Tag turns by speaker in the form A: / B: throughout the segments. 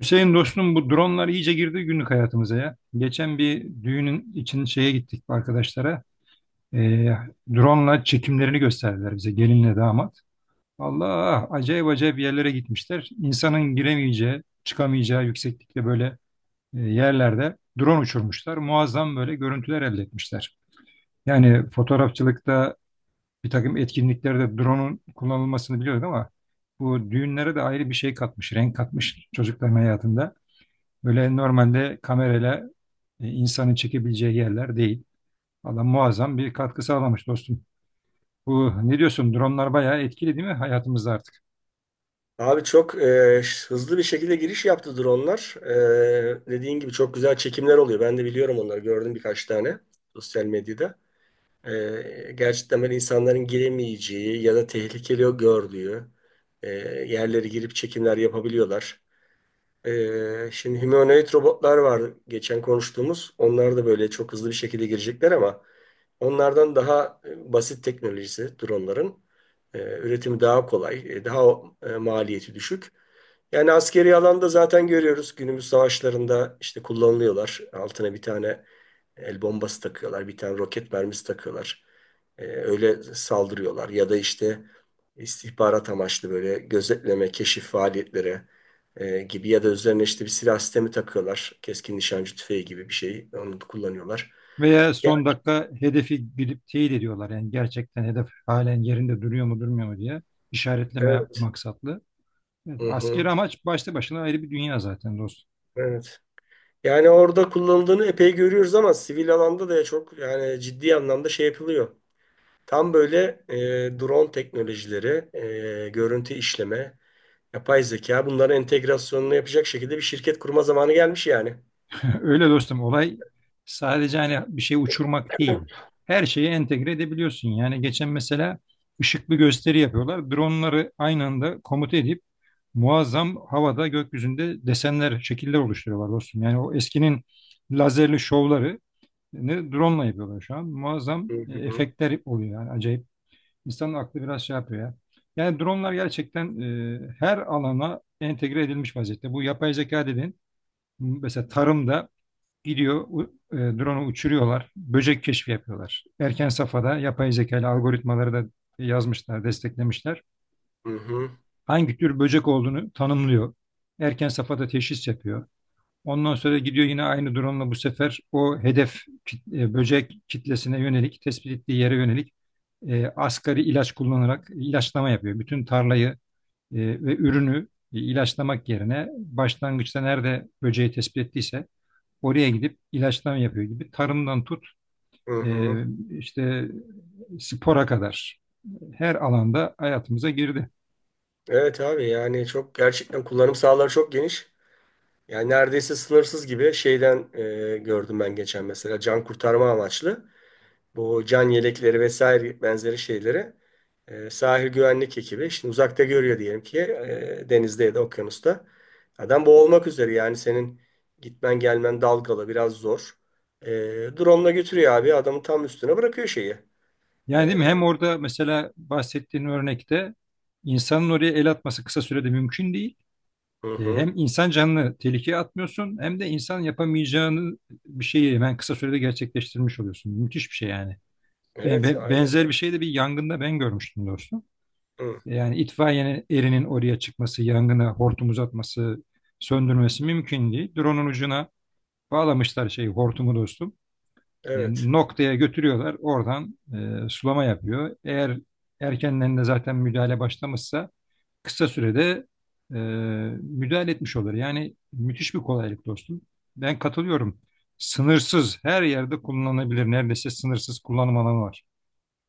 A: Hüseyin dostum bu dronlar iyice girdi günlük hayatımıza ya. Geçen bir düğünün için şeye gittik arkadaşlara. Ee, drone'la çekimlerini gösterdiler bize gelinle damat. Allah acayip acayip yerlere gitmişler. İnsanın giremeyeceği, çıkamayacağı yükseklikte böyle yerlerde drone uçurmuşlar. Muazzam böyle görüntüler elde etmişler. Yani fotoğrafçılıkta bir takım etkinliklerde drone'un kullanılmasını biliyorduk ama bu düğünlere de ayrı bir şey katmış, renk katmış çocukların hayatında. Böyle normalde kamerayla insanın çekebileceği yerler değil. Valla muazzam bir katkı sağlamış dostum. Bu ne diyorsun? Dronlar bayağı etkili değil mi hayatımızda artık?
B: Abi çok hızlı bir şekilde giriş yaptı dronlar. Dediğin gibi çok güzel çekimler oluyor. Ben de biliyorum onları. Gördüm birkaç tane sosyal medyada. Gerçekten böyle insanların giremeyeceği ya da tehlikeli gördüğü e, yerlere girip çekimler yapabiliyorlar. Şimdi humanoid robotlar var geçen konuştuğumuz. Onlar da böyle çok hızlı bir şekilde girecekler ama onlardan daha basit teknolojisi dronların. Ee, Üretimi daha kolay, daha maliyeti düşük. Yani askeri alanda zaten görüyoruz günümüz savaşlarında işte kullanılıyorlar. Altına bir tane el bombası takıyorlar, bir tane roket mermisi takıyorlar. Öyle saldırıyorlar. Ya da işte istihbarat amaçlı böyle gözetleme, keşif faaliyetleri gibi ya da üzerine işte bir silah sistemi takıyorlar. Keskin nişancı tüfeği gibi bir şey. Onu da kullanıyorlar.
A: Veya
B: Yani
A: son dakika hedefi gidip teyit ediyorlar. Yani gerçekten hedef halen yerinde duruyor mu durmuyor mu diye işaretleme
B: evet.
A: maksatlı. Evet,
B: Hı hı.
A: askeri amaç başta başına ayrı bir dünya zaten dostum.
B: Evet. Yani orada kullanıldığını epey görüyoruz ama sivil alanda da çok yani ciddi anlamda şey yapılıyor. Tam böyle drone teknolojileri, görüntü işleme, yapay zeka bunların entegrasyonunu yapacak şekilde bir şirket kurma zamanı gelmiş yani.
A: Öyle dostum olay sadece hani bir şey uçurmak değil. Her şeyi entegre edebiliyorsun. Yani geçen mesela ışıklı gösteri yapıyorlar. Dronları aynı anda komuta edip muazzam havada gökyüzünde desenler, şekiller oluşturuyorlar dostum. Yani o eskinin lazerli şovları ne drone yapıyorlar şu an. Muazzam
B: Hı hı,
A: efektler oluyor yani acayip. İnsanın aklı biraz şey yapıyor ya. Yani dronlar gerçekten her alana entegre edilmiş vaziyette. Bu yapay zeka dediğin mesela tarımda gidiyor, drone'u uçuruyorlar. Böcek keşfi yapıyorlar. Erken safhada yapay zekalı algoritmaları da yazmışlar, desteklemişler.
B: hı hı,
A: Hangi tür böcek olduğunu tanımlıyor. Erken safhada teşhis yapıyor. Ondan sonra gidiyor yine aynı drone'la bu sefer o hedef böcek kitlesine yönelik, tespit ettiği yere yönelik asgari ilaç kullanarak ilaçlama yapıyor. Bütün tarlayı e, ve ürünü ilaçlamak yerine başlangıçta nerede böceği tespit ettiyse oraya gidip ilaçlama yapıyor gibi tarımdan tut
B: hı
A: e,
B: hı.
A: işte spora kadar her alanda hayatımıza girdi.
B: Evet abi yani çok gerçekten kullanım sahaları çok geniş. Yani neredeyse sınırsız gibi şeyden gördüm ben geçen mesela can kurtarma amaçlı. Bu can yelekleri vesaire benzeri şeyleri sahil güvenlik ekibi şimdi uzakta görüyor diyelim ki denizde ya da okyanusta. Adam boğulmak üzere yani senin gitmen gelmen dalgalı biraz zor. E, Drone'la götürüyor abi adamın tam üstüne bırakıyor şeyi. E,
A: Yani değil mi? Hem orada mesela bahsettiğin örnekte insanın oraya el atması kısa sürede mümkün değil.
B: hı hı.
A: Hem insan canını tehlikeye atmıyorsun hem de insan yapamayacağını bir şeyi hemen kısa sürede gerçekleştirmiş oluyorsun. Müthiş bir şey yani.
B: Evet
A: Benzer bir
B: aynen.
A: şey de bir yangında ben görmüştüm dostum.
B: Hı,
A: Yani itfaiye erinin oraya çıkması, yangını hortum uzatması, söndürmesi mümkün değil. Drone'un ucuna bağlamışlar şeyi hortumu dostum. E,
B: evet.
A: Noktaya götürüyorlar. Oradan sulama yapıyor. Eğer erkenden de zaten müdahale başlamışsa kısa sürede e, müdahale etmiş olur. Yani müthiş bir kolaylık dostum. Ben katılıyorum. Sınırsız her yerde kullanılabilir. Neredeyse sınırsız kullanım alanı var.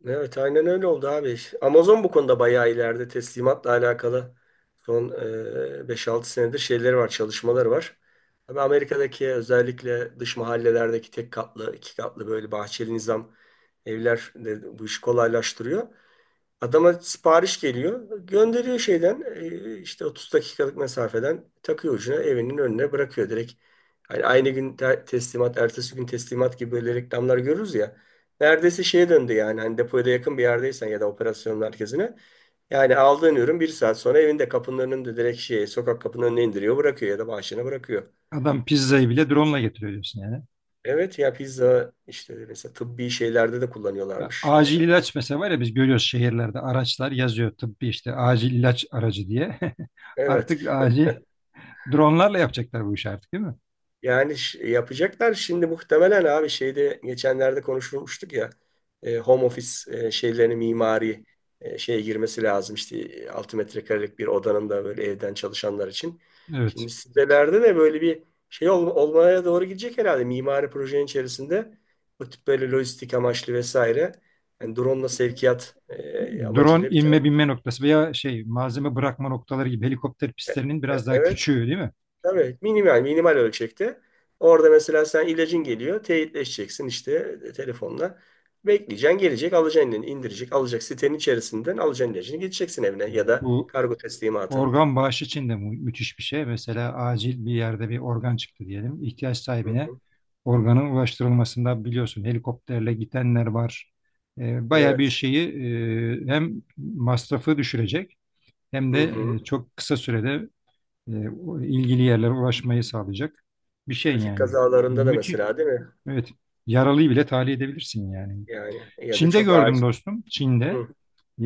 B: Evet aynen öyle oldu abi. Amazon bu konuda bayağı ileride teslimatla alakalı son 5-6 senedir şeyleri var, çalışmaları var. Tabii Amerika'daki özellikle dış mahallelerdeki tek katlı, iki katlı böyle bahçeli nizam evler de bu işi kolaylaştırıyor. Adama sipariş geliyor. Gönderiyor şeyden işte 30 dakikalık mesafeden takıyor ucuna evinin önüne bırakıyor direkt. Hani aynı gün teslimat, ertesi gün teslimat gibi böyle reklamlar görürüz ya. Neredeyse şeye döndü yani hani depoya da yakın bir yerdeysen ya da operasyon merkezine. Yani aldığın ürün bir saat sonra evinde kapının önünde direkt şey sokak kapının önüne indiriyor bırakıyor ya da bahçene bırakıyor.
A: Adam pizzayı bile drone ile getiriyor diyorsun yani.
B: Evet ya pizza işte mesela tıbbi şeylerde de
A: Ha,
B: kullanıyorlarmış.
A: acil ilaç mesela var ya biz görüyoruz şehirlerde araçlar yazıyor tıbbi işte acil ilaç aracı diye.
B: Evet.
A: Artık acil dronlarla yapacaklar bu işi artık değil mi?
B: Yani yapacaklar şimdi muhtemelen abi şeyde geçenlerde konuşulmuştuk ya home office şeylerini mimari şeye girmesi lazım işte 6 metrekarelik bir odanın da böyle evden çalışanlar için.
A: Evet.
B: Şimdi sitelerde de böyle bir şey olmaya doğru gidecek herhalde mimari projenin içerisinde bu tip böyle lojistik amaçlı vesaire yani drone'la sevkiyat
A: Drone
B: amacıyla bir tane.
A: inme binme noktası veya şey malzeme bırakma noktaları gibi helikopter pistlerinin biraz daha
B: Evet.
A: küçüğü değil mi?
B: Tabii minimal minimal ölçekte. Orada mesela sen ilacın geliyor, teyitleşeceksin işte telefonla. Bekleyeceksin, gelecek, alacaksın elini, indirecek, alacak sitenin içerisinden alacaksın ilacını, gideceksin evine ya da
A: Bu
B: kargo teslimatı.
A: organ bağışı için de müthiş bir şey. Mesela acil bir yerde bir organ çıktı diyelim. İhtiyaç
B: Hı
A: sahibine
B: hı.
A: organın ulaştırılmasında biliyorsun helikopterle gidenler var. Baya bir
B: Evet.
A: şeyi hem masrafı düşürecek hem
B: Hı
A: de
B: hı.
A: çok kısa sürede o ilgili yerlere ulaşmayı sağlayacak bir şey
B: Trafik
A: yani.
B: kazalarında da
A: Müthiş.
B: mesela değil mi?
A: Evet. Yaralıyı bile tahliye edebilirsin yani.
B: Yani ya da
A: Çin'de
B: çok
A: gördüm
B: acil.
A: dostum. Çin'de.
B: Hı.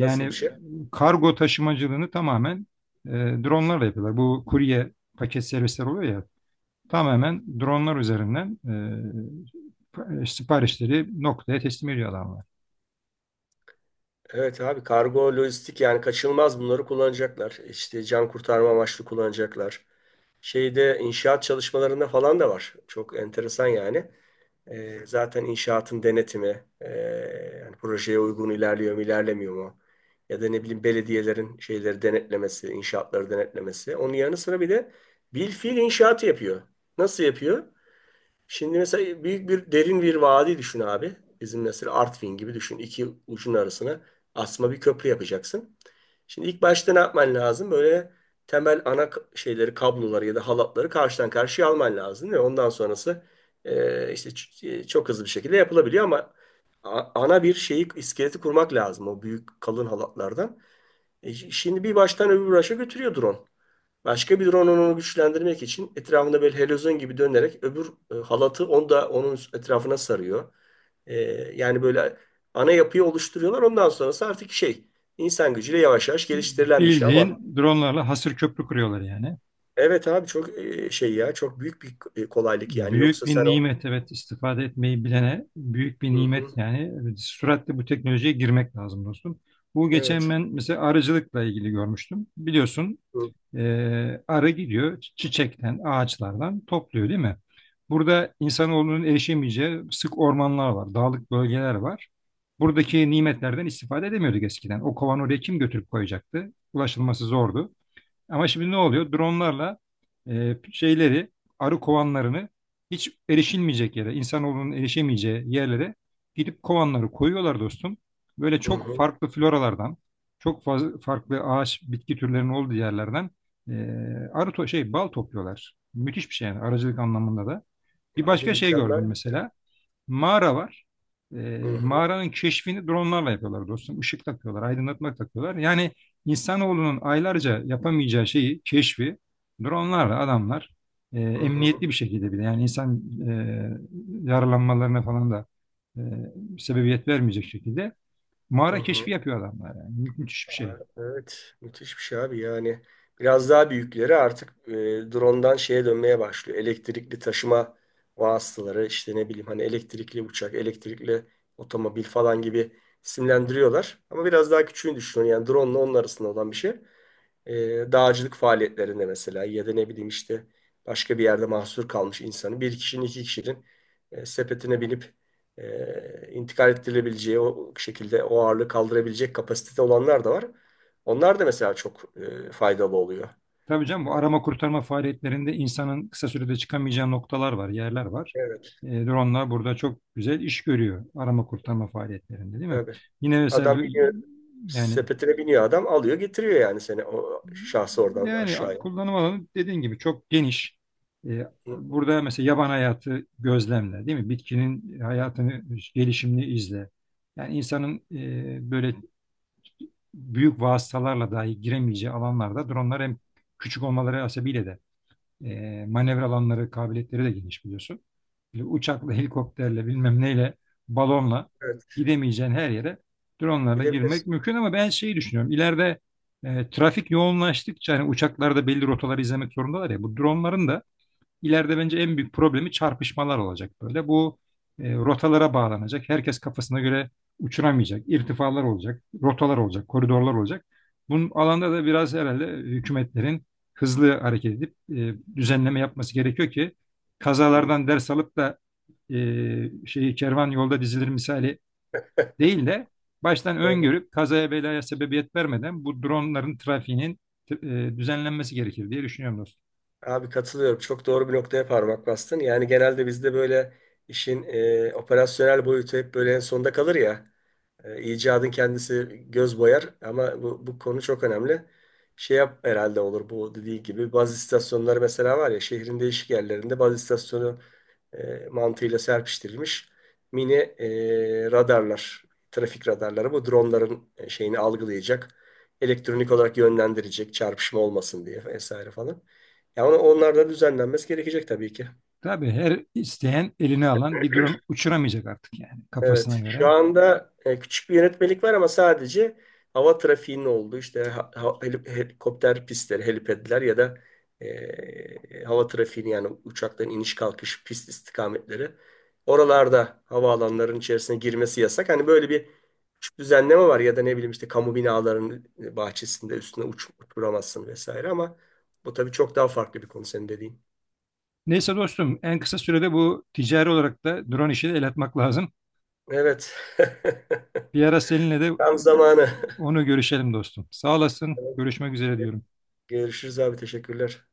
B: Nasıl bir şey?
A: kargo taşımacılığını tamamen e, dronlarla yapıyorlar. Bu kurye paket servisler oluyor ya tamamen dronlar üzerinden siparişleri noktaya teslim ediyor adamlar.
B: Evet abi kargo, lojistik yani kaçınılmaz bunları kullanacaklar. İşte can kurtarma amaçlı kullanacaklar. Şeyde inşaat çalışmalarında falan da var. Çok enteresan yani. Zaten inşaatın denetimi, yani projeye uygun ilerliyor mu, ilerlemiyor mu? Ya da ne bileyim belediyelerin şeyleri denetlemesi, inşaatları denetlemesi. Onun yanı sıra bir de bilfiil inşaatı yapıyor. Nasıl yapıyor? Şimdi mesela büyük bir derin bir vadi düşün abi. Bizim mesela Artvin gibi düşün. İki ucun arasına asma bir köprü yapacaksın. Şimdi ilk başta ne yapman lazım? Böyle temel ana şeyleri, kabloları ya da halatları karşıdan karşıya alman lazım ve ondan sonrası işte çok hızlı bir şekilde yapılabiliyor ama ana bir şeyi, iskeleti kurmak lazım o büyük kalın halatlardan. Şimdi bir baştan öbür başa götürüyor drone. Başka bir rononun onu güçlendirmek için etrafında böyle helezon gibi dönerek öbür halatı onu da onun etrafına sarıyor. E, Yani böyle ana yapıyı oluşturuyorlar. Ondan sonrası artık şey insan gücüyle yavaş yavaş geliştirilen bir şey ama
A: Bildiğin dronlarla hasır köprü kuruyorlar yani.
B: evet abi çok şey ya çok büyük bir kolaylık yani
A: Büyük
B: yoksa
A: bir
B: sen o,
A: nimet, evet, istifade etmeyi bilene büyük bir
B: hı
A: nimet
B: hı,
A: yani. Evet, süratle bu teknolojiye girmek lazım dostum. Bu
B: evet,
A: geçen ben mesela arıcılıkla ilgili görmüştüm. Biliyorsun
B: hı
A: Arı gidiyor çiçekten, ağaçlardan topluyor değil mi? Burada insanoğlunun erişemeyeceği sık ormanlar var, dağlık bölgeler var. Buradaki nimetlerden istifade edemiyorduk eskiden. O kovanı oraya kim götürüp koyacaktı? Ulaşılması zordu. Ama şimdi ne oluyor? Dronlarla şeyleri, arı kovanlarını hiç erişilmeyecek yere, insanoğlunun erişemeyeceği yerlere gidip kovanları koyuyorlar dostum. Böyle çok
B: hı.
A: farklı floralardan, çok fazla farklı ağaç, bitki türlerinin olduğu yerlerden e, arı to şey bal topluyorlar. Müthiş bir şey yani arıcılık anlamında da. Bir
B: Abi
A: başka şey gördüm
B: mükemmel bir şey.
A: mesela mağara var.
B: Hı
A: E,
B: hı,
A: mağaranın keşfini dronlarla yapıyorlar dostum. Işık takıyorlar, aydınlatma takıyorlar. Yani insanoğlunun aylarca yapamayacağı şeyi, keşfi dronlarla adamlar
B: hı hı,
A: emniyetli bir şekilde bile, yani insan yaralanmalarına falan da e, sebebiyet vermeyecek şekilde
B: hı
A: mağara keşfi
B: hı.
A: yapıyor adamlar yani. Müthiş bir şey.
B: Evet, müthiş bir şey abi yani. Biraz daha büyükleri artık drondan şeye dönmeye başlıyor. Elektrikli taşıma vasıtaları, işte ne bileyim hani elektrikli uçak, elektrikli otomobil falan gibi isimlendiriyorlar. Ama biraz daha küçüğünü düşünün yani drone ile onun arasında olan bir şey. E, Dağcılık faaliyetlerinde mesela ya da ne bileyim işte başka bir yerde mahsur kalmış insanı bir kişinin iki kişinin sepetine binip intikal ettirilebileceği o şekilde o ağırlığı kaldırabilecek kapasitede olanlar da var. Onlar da mesela çok faydalı oluyor.
A: Tabii canım bu arama kurtarma faaliyetlerinde insanın kısa sürede çıkamayacağı noktalar var, yerler var.
B: Evet,
A: E, dronelar burada çok güzel iş görüyor arama kurtarma faaliyetlerinde değil mi?
B: tabii.
A: Yine mesela bu
B: Adam biniyor,
A: yani
B: sepetine biniyor adam alıyor getiriyor yani seni o şahsı oradan
A: yani
B: aşağıya.
A: kullanım alanı dediğin gibi çok geniş. E,
B: Hı hı.
A: burada mesela yaban hayatı gözlemle değil mi? Bitkinin hayatını, gelişimini izle. Yani insanın böyle büyük vasıtalarla dahi giremeyeceği alanlarda dronlar hem küçük olmaları hasebiyle de e, manevra alanları, kabiliyetleri de geniş biliyorsun. Böyle uçakla, helikopterle, bilmem neyle, balonla
B: Evet,
A: gidemeyeceğin her yere dronlarla girmek
B: gidebilirsin.
A: mümkün ama ben şeyi düşünüyorum. İleride trafik yoğunlaştıkça hani uçaklar da belli rotaları izlemek zorundalar ya. Bu dronların da İleride bence en büyük problemi çarpışmalar olacak böyle. Bu rotalara bağlanacak. Herkes kafasına göre uçuramayacak. İrtifalar olacak, rotalar olacak, koridorlar olacak. Bunun alanda da biraz herhalde hükümetlerin hızlı hareket edip düzenleme yapması gerekiyor ki kazalardan ders alıp da şeyi kervan yolda dizilir misali değil de baştan
B: Hı.
A: öngörüp kazaya belaya sebebiyet vermeden bu dronların trafiğinin düzenlenmesi gerekir diye düşünüyorum dostum.
B: Abi katılıyorum. Çok doğru bir noktaya parmak bastın. Yani genelde bizde böyle işin operasyonel boyutu hep böyle en sonda kalır ya. İcadın kendisi göz boyar ama bu konu çok önemli. Şey yap herhalde olur bu dediği gibi bazı istasyonları mesela var ya şehrin değişik yerlerinde bazı istasyonu mantığıyla serpiştirilmiş mini radarlar, trafik radarları bu dronların şeyini algılayacak, elektronik olarak yönlendirecek çarpışma olmasın diye vesaire falan. Ya onlar da düzenlenmesi gerekecek tabii ki.
A: Tabii her isteyen eline alan bir drone uçuramayacak artık yani kafasına
B: Evet. Şu
A: göre.
B: anda küçük bir yönetmelik var ama sadece hava trafiğinin olduğu işte helikopter pistleri, helipedler ya da hava trafiğini yani uçakların iniş kalkış pist istikametleri. Oralarda havaalanlarının içerisine girmesi yasak. Hani böyle bir küçük düzenleme var ya da ne bileyim işte kamu binalarının bahçesinde üstüne uçuramazsın vesaire ama bu tabii çok daha farklı bir konu senin dediğin.
A: Neyse dostum en kısa sürede bu ticari olarak da drone işine el atmak lazım.
B: Evet.
A: Bir ara seninle de
B: Tam zamanı.
A: onu görüşelim dostum. Sağ olasın. Görüşmek üzere diyorum.
B: Görüşürüz abi teşekkürler.